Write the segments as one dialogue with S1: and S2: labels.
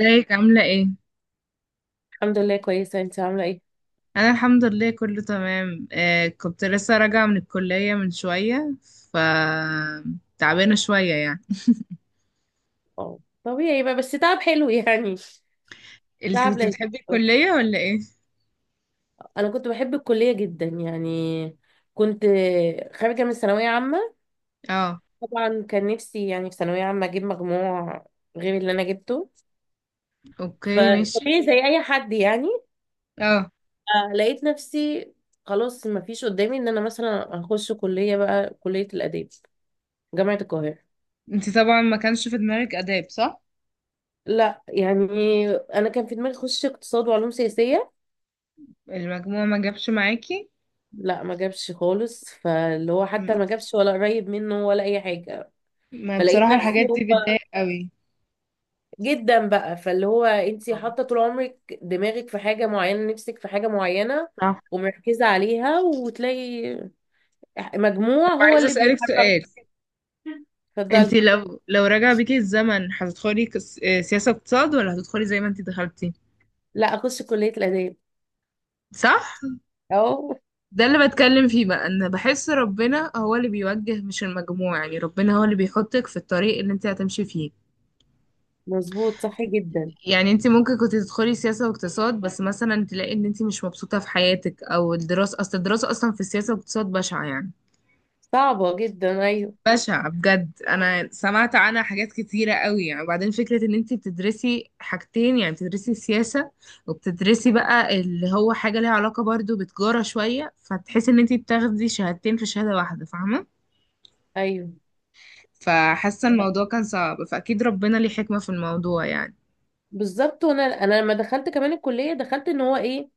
S1: ازيك؟ عاملة ايه؟
S2: الحمد لله، كويسة. انت عاملة ايه؟
S1: أنا الحمد لله كله تمام. آه، كنت لسه راجعة من الكلية من شوية. ف تعبانة شوية يعني.
S2: اه، طبيعي بقى، بس تعب حلو يعني.
S1: انت
S2: تعب
S1: كنت
S2: لذيذ.
S1: بتحبي الكلية ولا ايه؟
S2: انا كنت بحب الكلية جدا يعني. كنت خارجة من ثانوية عامة.
S1: اه،
S2: طبعا كان نفسي يعني في ثانوية عامة اجيب مجموع غير اللي انا جبته.
S1: اوكي ماشي.
S2: فطبيعي زي اي حد يعني.
S1: اه،
S2: لقيت نفسي خلاص ما فيش قدامي ان انا مثلا اخش كلية بقى، كلية الآداب، جامعة القاهرة.
S1: انت طبعا ما كانش في دماغك آداب صح؟
S2: لا يعني، انا كان في دماغي اخش اقتصاد وعلوم سياسية.
S1: المجموع ما جابش معاكي؟
S2: لا، ما جابش خالص، فاللي هو حتى
S1: م-
S2: ما جابش ولا قريب منه ولا اي حاجه.
S1: ما
S2: فلقيت
S1: بصراحة
S2: نفسي،
S1: الحاجات
S2: هو
S1: دي بتضايق قوي.
S2: جدا بقى، فاللي هو انت حاطه طول عمرك دماغك في حاجه معينه، نفسك في حاجه معينه،
S1: صح.
S2: ومركزه عليها، وتلاقي
S1: طب
S2: مجموع هو
S1: عايزة
S2: اللي
S1: أسألك
S2: بيحرك.
S1: سؤال. انت
S2: اتفضلي.
S1: لو رجع بيكي الزمن هتدخلي سياسة اقتصاد، ولا هتدخلي زي ما انت دخلتي؟
S2: لا، اخش كليه الاداب.
S1: صح؟
S2: اهو.
S1: ده اللي بتكلم فيه بقى، ان بحس ربنا هو اللي بيوجه مش المجموع، يعني ربنا هو اللي بيحطك في الطريق اللي انت هتمشي فيه.
S2: مظبوط، صح جدا.
S1: يعني انت ممكن كنت تدخلي سياسة واقتصاد، بس مثلا تلاقي ان انت مش مبسوطة في حياتك، او الدراسة، اصل الدراسة اصلا في السياسة والاقتصاد بشعة يعني.
S2: صعبه جدا، ايوه.
S1: بشعة بجد، انا سمعت عنها حاجات كتيرة قوي يعني. وبعدين فكرة ان انت بتدرسي حاجتين، يعني بتدرسي السياسة وبتدرسي بقى اللي هو حاجة ليها علاقة برضو بتجارة شوية، فتحسي ان انت بتاخدي شهادتين في شهادة واحدة، فاهمة؟
S2: ايوه،
S1: فحاسة الموضوع كان صعب، فأكيد ربنا ليه حكمة في الموضوع يعني.
S2: بالظبط. وانا لما دخلت كمان الكليه، دخلت ان هو ايه،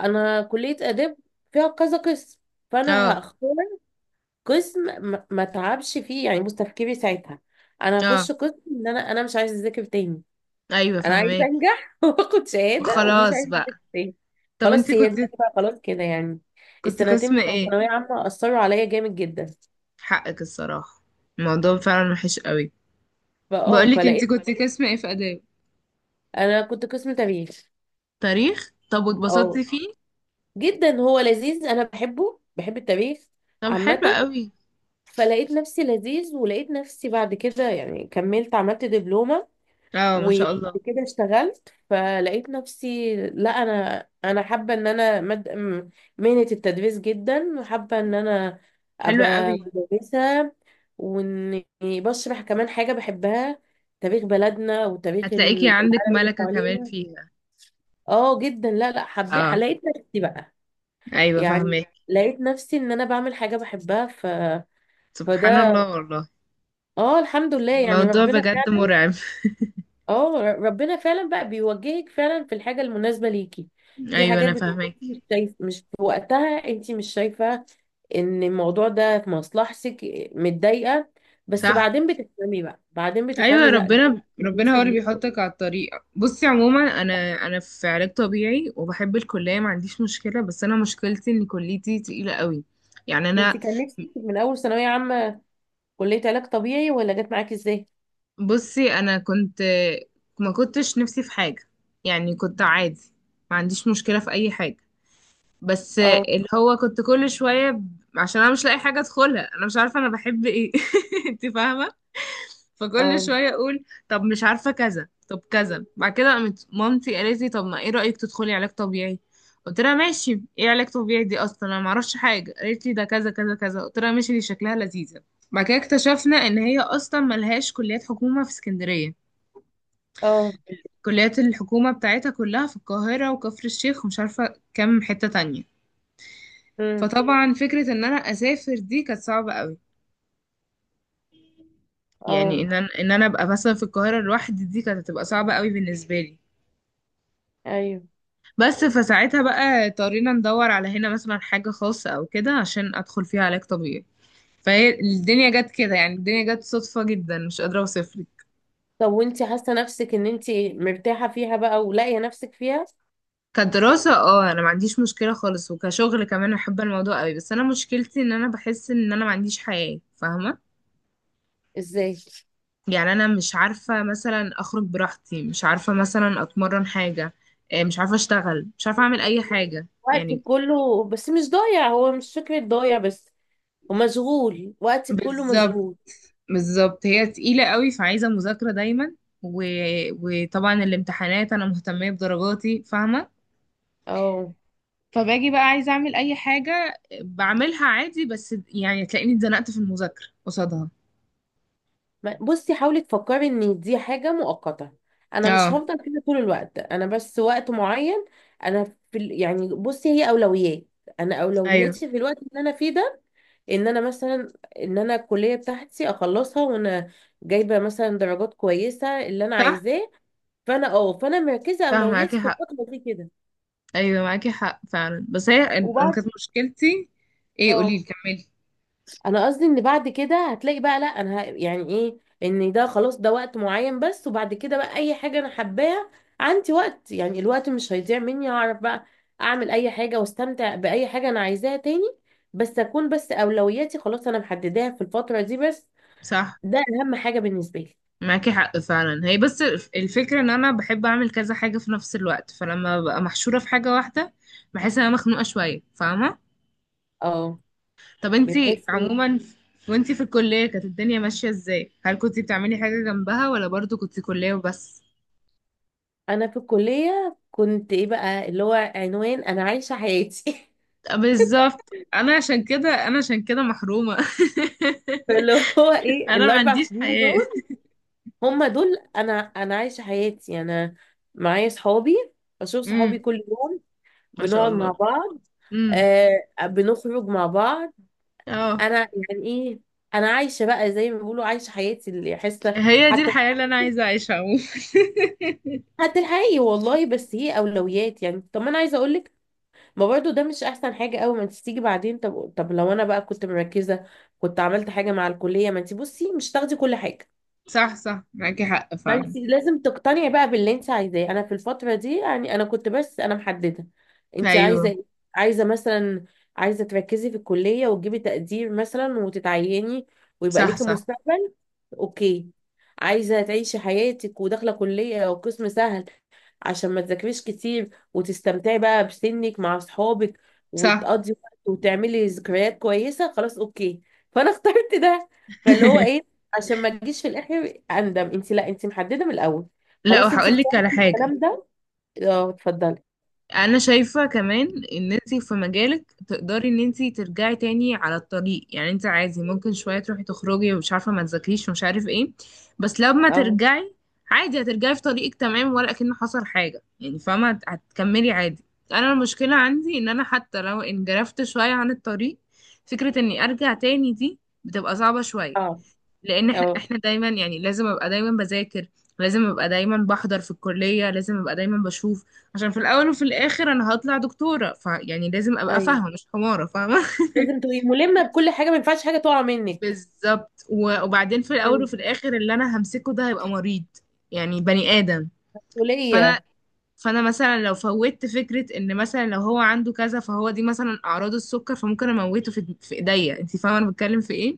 S2: انا كلية اداب فيها كذا قسم، فانا
S1: اه.
S2: هختار قسم ما اتعبش فيه يعني. بص تفكيري ساعتها: انا
S1: اه،
S2: هخش قسم ان انا مش عايزه اذاكر تاني.
S1: ايوه
S2: انا عايزه
S1: فهماك.
S2: انجح واخد شهاده ومش
S1: خلاص
S2: عايزه
S1: بقى.
S2: اذاكر تاني.
S1: طب انت
S2: خلاص، هي
S1: كنت،
S2: دماغي بقى خلاص كده يعني. السنتين
S1: قسم
S2: بتوع
S1: ايه؟
S2: ثانويه عامه اثروا عليا جامد جدا.
S1: حقك الصراحة، الموضوع فعلا وحش قوي. بقولك انت
S2: فلقيت.
S1: كنت قسم ايه في آداب؟
S2: انا كنت قسم تاريخ.
S1: تاريخ؟ طب
S2: اه،
S1: واتبسطتي فيه؟
S2: جدا هو لذيذ. انا بحبه، بحب التاريخ
S1: طب حلو
S2: عامه.
S1: قوي.
S2: فلقيت نفسي لذيذ، ولقيت نفسي بعد كده يعني كملت، عملت دبلومة،
S1: اه، ما شاء
S2: وبعد
S1: الله.
S2: كده اشتغلت. فلقيت نفسي لا، انا حابة ان انا مهنة التدريس جدا، وحابة ان انا
S1: حلو قوي.
S2: ابقى مدرسة، واني بشرح كمان حاجة بحبها، تاريخ بلدنا وتاريخ
S1: هتلاقيكي عندك
S2: العالم اللي
S1: ملكة كمان
S2: حوالينا.
S1: فيها.
S2: اه، جدا. لا لا، حبيت،
S1: اه،
S2: لقيت نفسي بقى
S1: ايوه
S2: يعني.
S1: فهماك.
S2: لقيت نفسي ان انا بعمل حاجة بحبها.
S1: سبحان
S2: فده.
S1: الله والله.
S2: اه، الحمد لله يعني.
S1: الموضوع
S2: ربنا
S1: بجد
S2: فعلا،
S1: مرعب.
S2: ربنا فعلا بقى بيوجهك فعلا في الحاجة المناسبة ليكي. في
S1: ايوه
S2: حاجات
S1: انا
S2: بتبقي
S1: فهماك.
S2: انتي مش شايف مش في وقتها، انت مش شايفة ان الموضوع ده في مصلحتك، متضايقة، بس
S1: صح.
S2: بعدين بتفهمي بقى، بعدين
S1: ايوه،
S2: بتفهمي لا ده
S1: ربنا
S2: مش
S1: هو
S2: مناسب
S1: اللي
S2: ليكي.
S1: بيحطك على الطريق. بصي عموما، انا في علاج طبيعي وبحب الكليه، ما عنديش مشكله، بس انا مشكلتي ان كليتي تقيله قوي. يعني
S2: انت
S1: انا،
S2: كان نفسك من اول ثانوية عامة كلية علاج طبيعي، ولا جت معاكي ازاي؟
S1: بصي انا كنت، ما كنتش نفسي في حاجه، يعني كنت عادي، ما عنديش مشكله في اي حاجه، بس
S2: اه،
S1: اللي هو كنت كل شويه عشان انا مش لاقي حاجه ادخلها، انا مش عارفه انا بحب ايه. انت فاهمه. فكل
S2: اه،
S1: شوية اقول طب مش عارفة كذا، طب كذا. بعد كده قامت مامتي قالت لي، طب ما ايه رأيك تدخلي علاج طبيعي؟ قلت لها ماشي، ايه علاج طبيعي دي اصلا، انا معرفش حاجة. قالت لي ده كذا كذا كذا، قلت لها ماشي، دي شكلها لذيذة. بعد كده اكتشفنا ان هي اصلا ملهاش كليات حكومة في اسكندرية.
S2: اه،
S1: كليات الحكومة بتاعتها كلها في القاهرة وكفر الشيخ ومش عارفة كام حتة تانية.
S2: امم،
S1: فطبعا فكرة ان انا اسافر دي كانت صعبة قوي. يعني
S2: اه،
S1: ان انا، ابقى مثلا في القاهرة لوحدي دي كانت هتبقى صعبة قوي بالنسبة لي.
S2: ايوه.
S1: بس فساعتها بقى اضطرينا ندور على هنا مثلا حاجة خاصة أو كده عشان أدخل فيها علاج طبيعي. فهي الدنيا جت كده يعني، الدنيا جت صدفة جدا مش قادرة أوصفلك.
S2: طب وانت حاسة نفسك ان انت مرتاحة فيها بقى ولاقية نفسك فيها
S1: كدراسة اه أنا ما عنديش مشكلة خالص، وكشغل كمان أحب الموضوع قوي، بس أنا مشكلتي إن أنا بحس إن أنا ما عنديش حياة، فاهمة؟
S2: ازاي؟
S1: يعني أنا مش عارفة مثلا أخرج براحتي، مش عارفة مثلا أتمرن حاجة، مش عارفة أشتغل، مش عارفة أعمل أي حاجة
S2: وقتي
S1: يعني.
S2: كله، بس مش ضايع، هو مش فكرة ضايع، بس ومشغول، وقتي كله
S1: بالظبط.
S2: مشغول.
S1: بالظبط هي تقيلة قوي، فعايزة مذاكرة دايما. و... وطبعا الامتحانات أنا مهتمية بدرجاتي، فاهمة؟
S2: اه.
S1: فباجي بقى عايزة أعمل أي حاجة بعملها عادي، بس يعني تلاقيني اتزنقت في المذاكرة قصادها.
S2: بصي حاولي تفكري ان دي حاجة مؤقتة. انا مش
S1: اه.
S2: هفضل كده طول الوقت، انا بس وقت معين. انا يعني بصي هي اولويات. انا
S1: أيوه.
S2: اولوياتي في الوقت اللي انا فيه ده ان انا مثلا ان انا الكلية بتاعتي اخلصها، وانا جايبة مثلا درجات كويسة اللي انا
S1: صح
S2: عايزاه. فانا مركزة
S1: صح معاكي
S2: اولوياتي في
S1: حق.
S2: الفترة دي كده.
S1: أيوه معاكي حق فعلا، بس هي أنا
S2: وبعد،
S1: كانت مشكلتي، ايه قوليلي
S2: اه
S1: كملي.
S2: انا قصدي ان بعد كده هتلاقي بقى لا، انا يعني ايه، ان ده خلاص، ده وقت معين بس، وبعد كده بقى اي حاجه انا حباها عندي وقت يعني، الوقت مش هيضيع مني، هعرف بقى اعمل اي حاجه واستمتع باي حاجه انا عايزاها تاني، بس اكون بس اولوياتي خلاص انا محدداها في الفتره دي بس.
S1: صح
S2: ده اهم حاجه بالنسبه لي.
S1: معاكي حق فعلا. هي بس الفكرة ان انا بحب اعمل كذا حاجة في نفس الوقت، فلما ببقى محشورة في حاجة واحدة بحس ان انا مخنوقة شوية، فاهمة؟
S2: اه،
S1: طب انتي
S2: بتحس ان
S1: عموما، وانتي في الكلية كانت الدنيا ماشية ازاي؟ هل كنتي بتعملي حاجة جنبها ولا برضو كنتي كلية وبس؟
S2: انا في الكليه كنت ايه بقى اللي هو عنوان انا عايشه حياتي
S1: بالظبط، انا عشان كده، انا عشان كده محرومة.
S2: فاللي هو ايه،
S1: انا ما
S2: الاربع
S1: عنديش
S2: سنين
S1: حياة.
S2: دول هما دول انا عايشه حياتي، انا معايا صحابي، بشوف صحابي
S1: امم.
S2: كل يوم،
S1: ما شاء
S2: بنقعد مع
S1: الله.
S2: بعض.
S1: امم.
S2: آه، بنخرج مع بعض.
S1: اه،
S2: انا يعني ايه، انا عايشه بقى زي ما بيقولوا عايشه حياتي، اللي حاسه.
S1: هي دي
S2: حتى
S1: الحياة اللي انا عايزة اعيشها عموما.
S2: الحقيقي والله، بس هي اولويات يعني. طب، ما انا عايزه اقول لك، ما برضو ده مش احسن حاجه قوي، ما انت تيجي بعدين. طب، لو انا بقى كنت مركزه كنت عملت حاجه مع الكليه. ما انت بصي مش تاخدي كل حاجه.
S1: صح صح معاكي حق فعلا.
S2: فانت لازم تقتنعي بقى باللي انت عايزاه. انا في الفتره دي يعني انا كنت بس انا محدده: انت عايزه
S1: ايوه.
S2: ايه؟ عايزه مثلا، عايزه تركزي في الكليه وتجيبي تقدير مثلا وتتعيني ويبقى
S1: صح.
S2: ليكي
S1: صح.
S2: مستقبل. اوكي. عايزه تعيشي حياتك وداخله كليه وقسم سهل عشان ما تذاكريش كتير، وتستمتعي بقى بسنك مع اصحابك،
S1: صح.
S2: وتقضي وقت وتعملي ذكريات كويسه. خلاص، اوكي. فانا اخترت ده. فاللي هو ايه، عشان ما تجيش في الاخر اندم، انت لا، انت محدده من الاول.
S1: لا،
S2: خلاص، انت
S1: وهقول لك
S2: اخترتي
S1: على حاجة.
S2: الكلام ده. اه اتفضلي.
S1: انا شايفة كمان ان انت في مجالك تقدري ان انت ترجعي تاني على الطريق، يعني انت عادي ممكن شوية تروحي تخرجي ومش عارفة ما تذاكريش ومش عارف ايه، بس لما
S2: اه،
S1: ترجعي عادي هترجعي في طريقك تمام ولا كأن حصل حاجة يعني، فاهمة؟ هتكملي عادي. انا المشكلة عندي ان انا حتى لو انجرفت شوية عن الطريق، فكرة اني ارجع تاني دي بتبقى صعبة شوية.
S2: اه،
S1: لان احنا،
S2: اه،
S1: دايما يعني لازم ابقى دايما بذاكر، لازم ابقى دايما بحضر في الكلية، لازم ابقى دايما بشوف، عشان في الاول وفي الاخر انا هطلع دكتورة، فيعني لازم ابقى
S2: ايوه،
S1: فاهمة مش حمارة، فاهمة؟
S2: لازم تبقي ملمه بكل حاجه، ما ينفعش حاجه تقع منك.
S1: بالظبط. وبعدين في الاول
S2: مم.
S1: وفي الاخر اللي انا همسكه ده هيبقى مريض، يعني بني ادم. فانا،
S2: مسؤوليه.
S1: فانا مثلا لو فوتت فكره ان مثلا لو هو عنده كذا، فهو دي مثلا اعراض السكر، فممكن اموته في ايديا. انت فاهمه انا بتكلم في ايه؟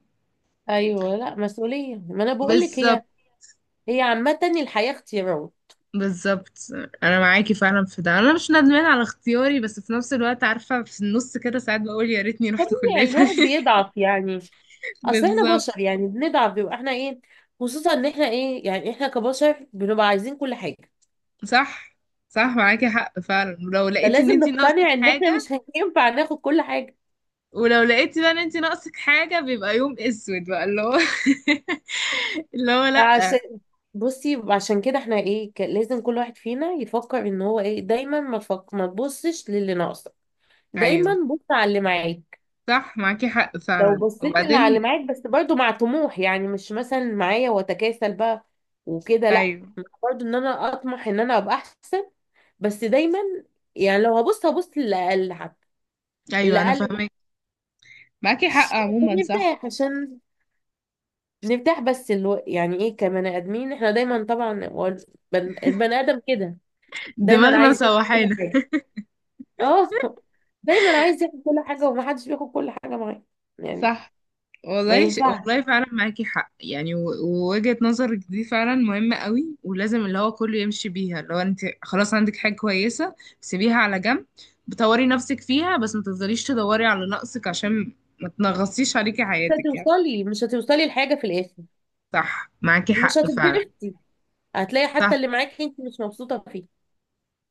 S2: ايوه، لا مسؤوليه، ما انا بقول لك، هي
S1: بالظبط.
S2: هي عامه الحياه اختيارات.
S1: بالظبط. انا معاكي فعلا في ده، انا مش ندمان على اختياري، بس في نفس الوقت عارفه في النص كده ساعات بقول يا ريتني رحت كليه
S2: طبيعي
S1: تانية.
S2: الواحد بيضعف يعني. اصل احنا
S1: بالظبط.
S2: بشر يعني بنضعف، بيبقى احنا ايه، خصوصا ان احنا ايه يعني احنا كبشر بنبقى عايزين كل حاجه.
S1: صح صح معاكي حق فعلا. ولو لقيتي ان
S2: فلازم
S1: انتي ناقصك
S2: نقتنع ان احنا
S1: حاجه،
S2: مش هينفع ناخد كل حاجه.
S1: ولو لقيتي بقى ان انتي ناقصك حاجه، بيبقى يوم اسود بقى، اللي هو اللي هو
S2: فعشان،
S1: لا.
S2: بصي عشان كده احنا ايه، لازم كل واحد فينا يفكر ان هو ايه دايما. ما تبصش للي ناقصك، دايما
S1: ايوه
S2: بص على اللي معاك.
S1: صح معاكي حق
S2: لو
S1: فعلا.
S2: بصيت اللي على اللي
S1: وبعدين
S2: معاك، بس برضو مع طموح، يعني مش مثلا معايا واتكاسل بقى وكده، لا،
S1: ايوه.
S2: برضو ان انا اطمح ان انا ابقى احسن. بس دايما يعني لو هبص للي اقل حتى، اللي
S1: ايوه انا
S2: اقل
S1: فاهمك. معاكي حق
S2: عشان
S1: عموما صح.
S2: نرتاح عشان نرتاح بس يعني ايه، كبني ادمين احنا دايما. طبعا هو البني ادم كده دايما
S1: دماغنا
S2: عايز ياخد كل
S1: مسوحانا.
S2: حاجه. اه، دايما عايز ياخد كل حاجه، ومحدش بياخد كل حاجه معاه يعني.
S1: صح
S2: ما
S1: والله.
S2: ينفعش.
S1: والله فعلا معاكي حق يعني. ووجهة نظرك دي فعلا مهمة قوي، ولازم اللي هو كله يمشي بيها، اللي هو انت خلاص عندك حاجة كويسة، سيبيها على جنب، بطوري نفسك فيها، بس ما تفضليش تدوري على نقصك عشان ما تنغصيش عليكي
S2: مش
S1: حياتك يعني.
S2: هتوصلي مش هتوصلي لحاجه في الاخر،
S1: صح معاكي
S2: ومش
S1: حق فعلا.
S2: هتتبسطي. هتلاقي حتى
S1: صح
S2: اللي معاكي انت مش مبسوطه فيه.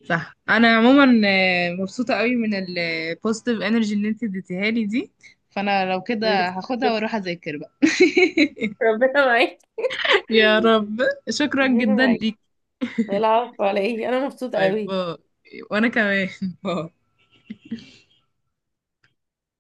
S1: صح. انا عموما مبسوطة قوي من البوزيتيف انرجي اللي انت اديتيها لي دي، فانا لو كده هاخدها واروح اذاكر بقى.
S2: ربنا معاك.
S1: يا رب. شكرا
S2: ربنا
S1: جدا
S2: معاك.
S1: ليكي.
S2: العفو على ايه، انا مبسوطه
S1: باي
S2: قوي.
S1: باي. وانا كمان. باي.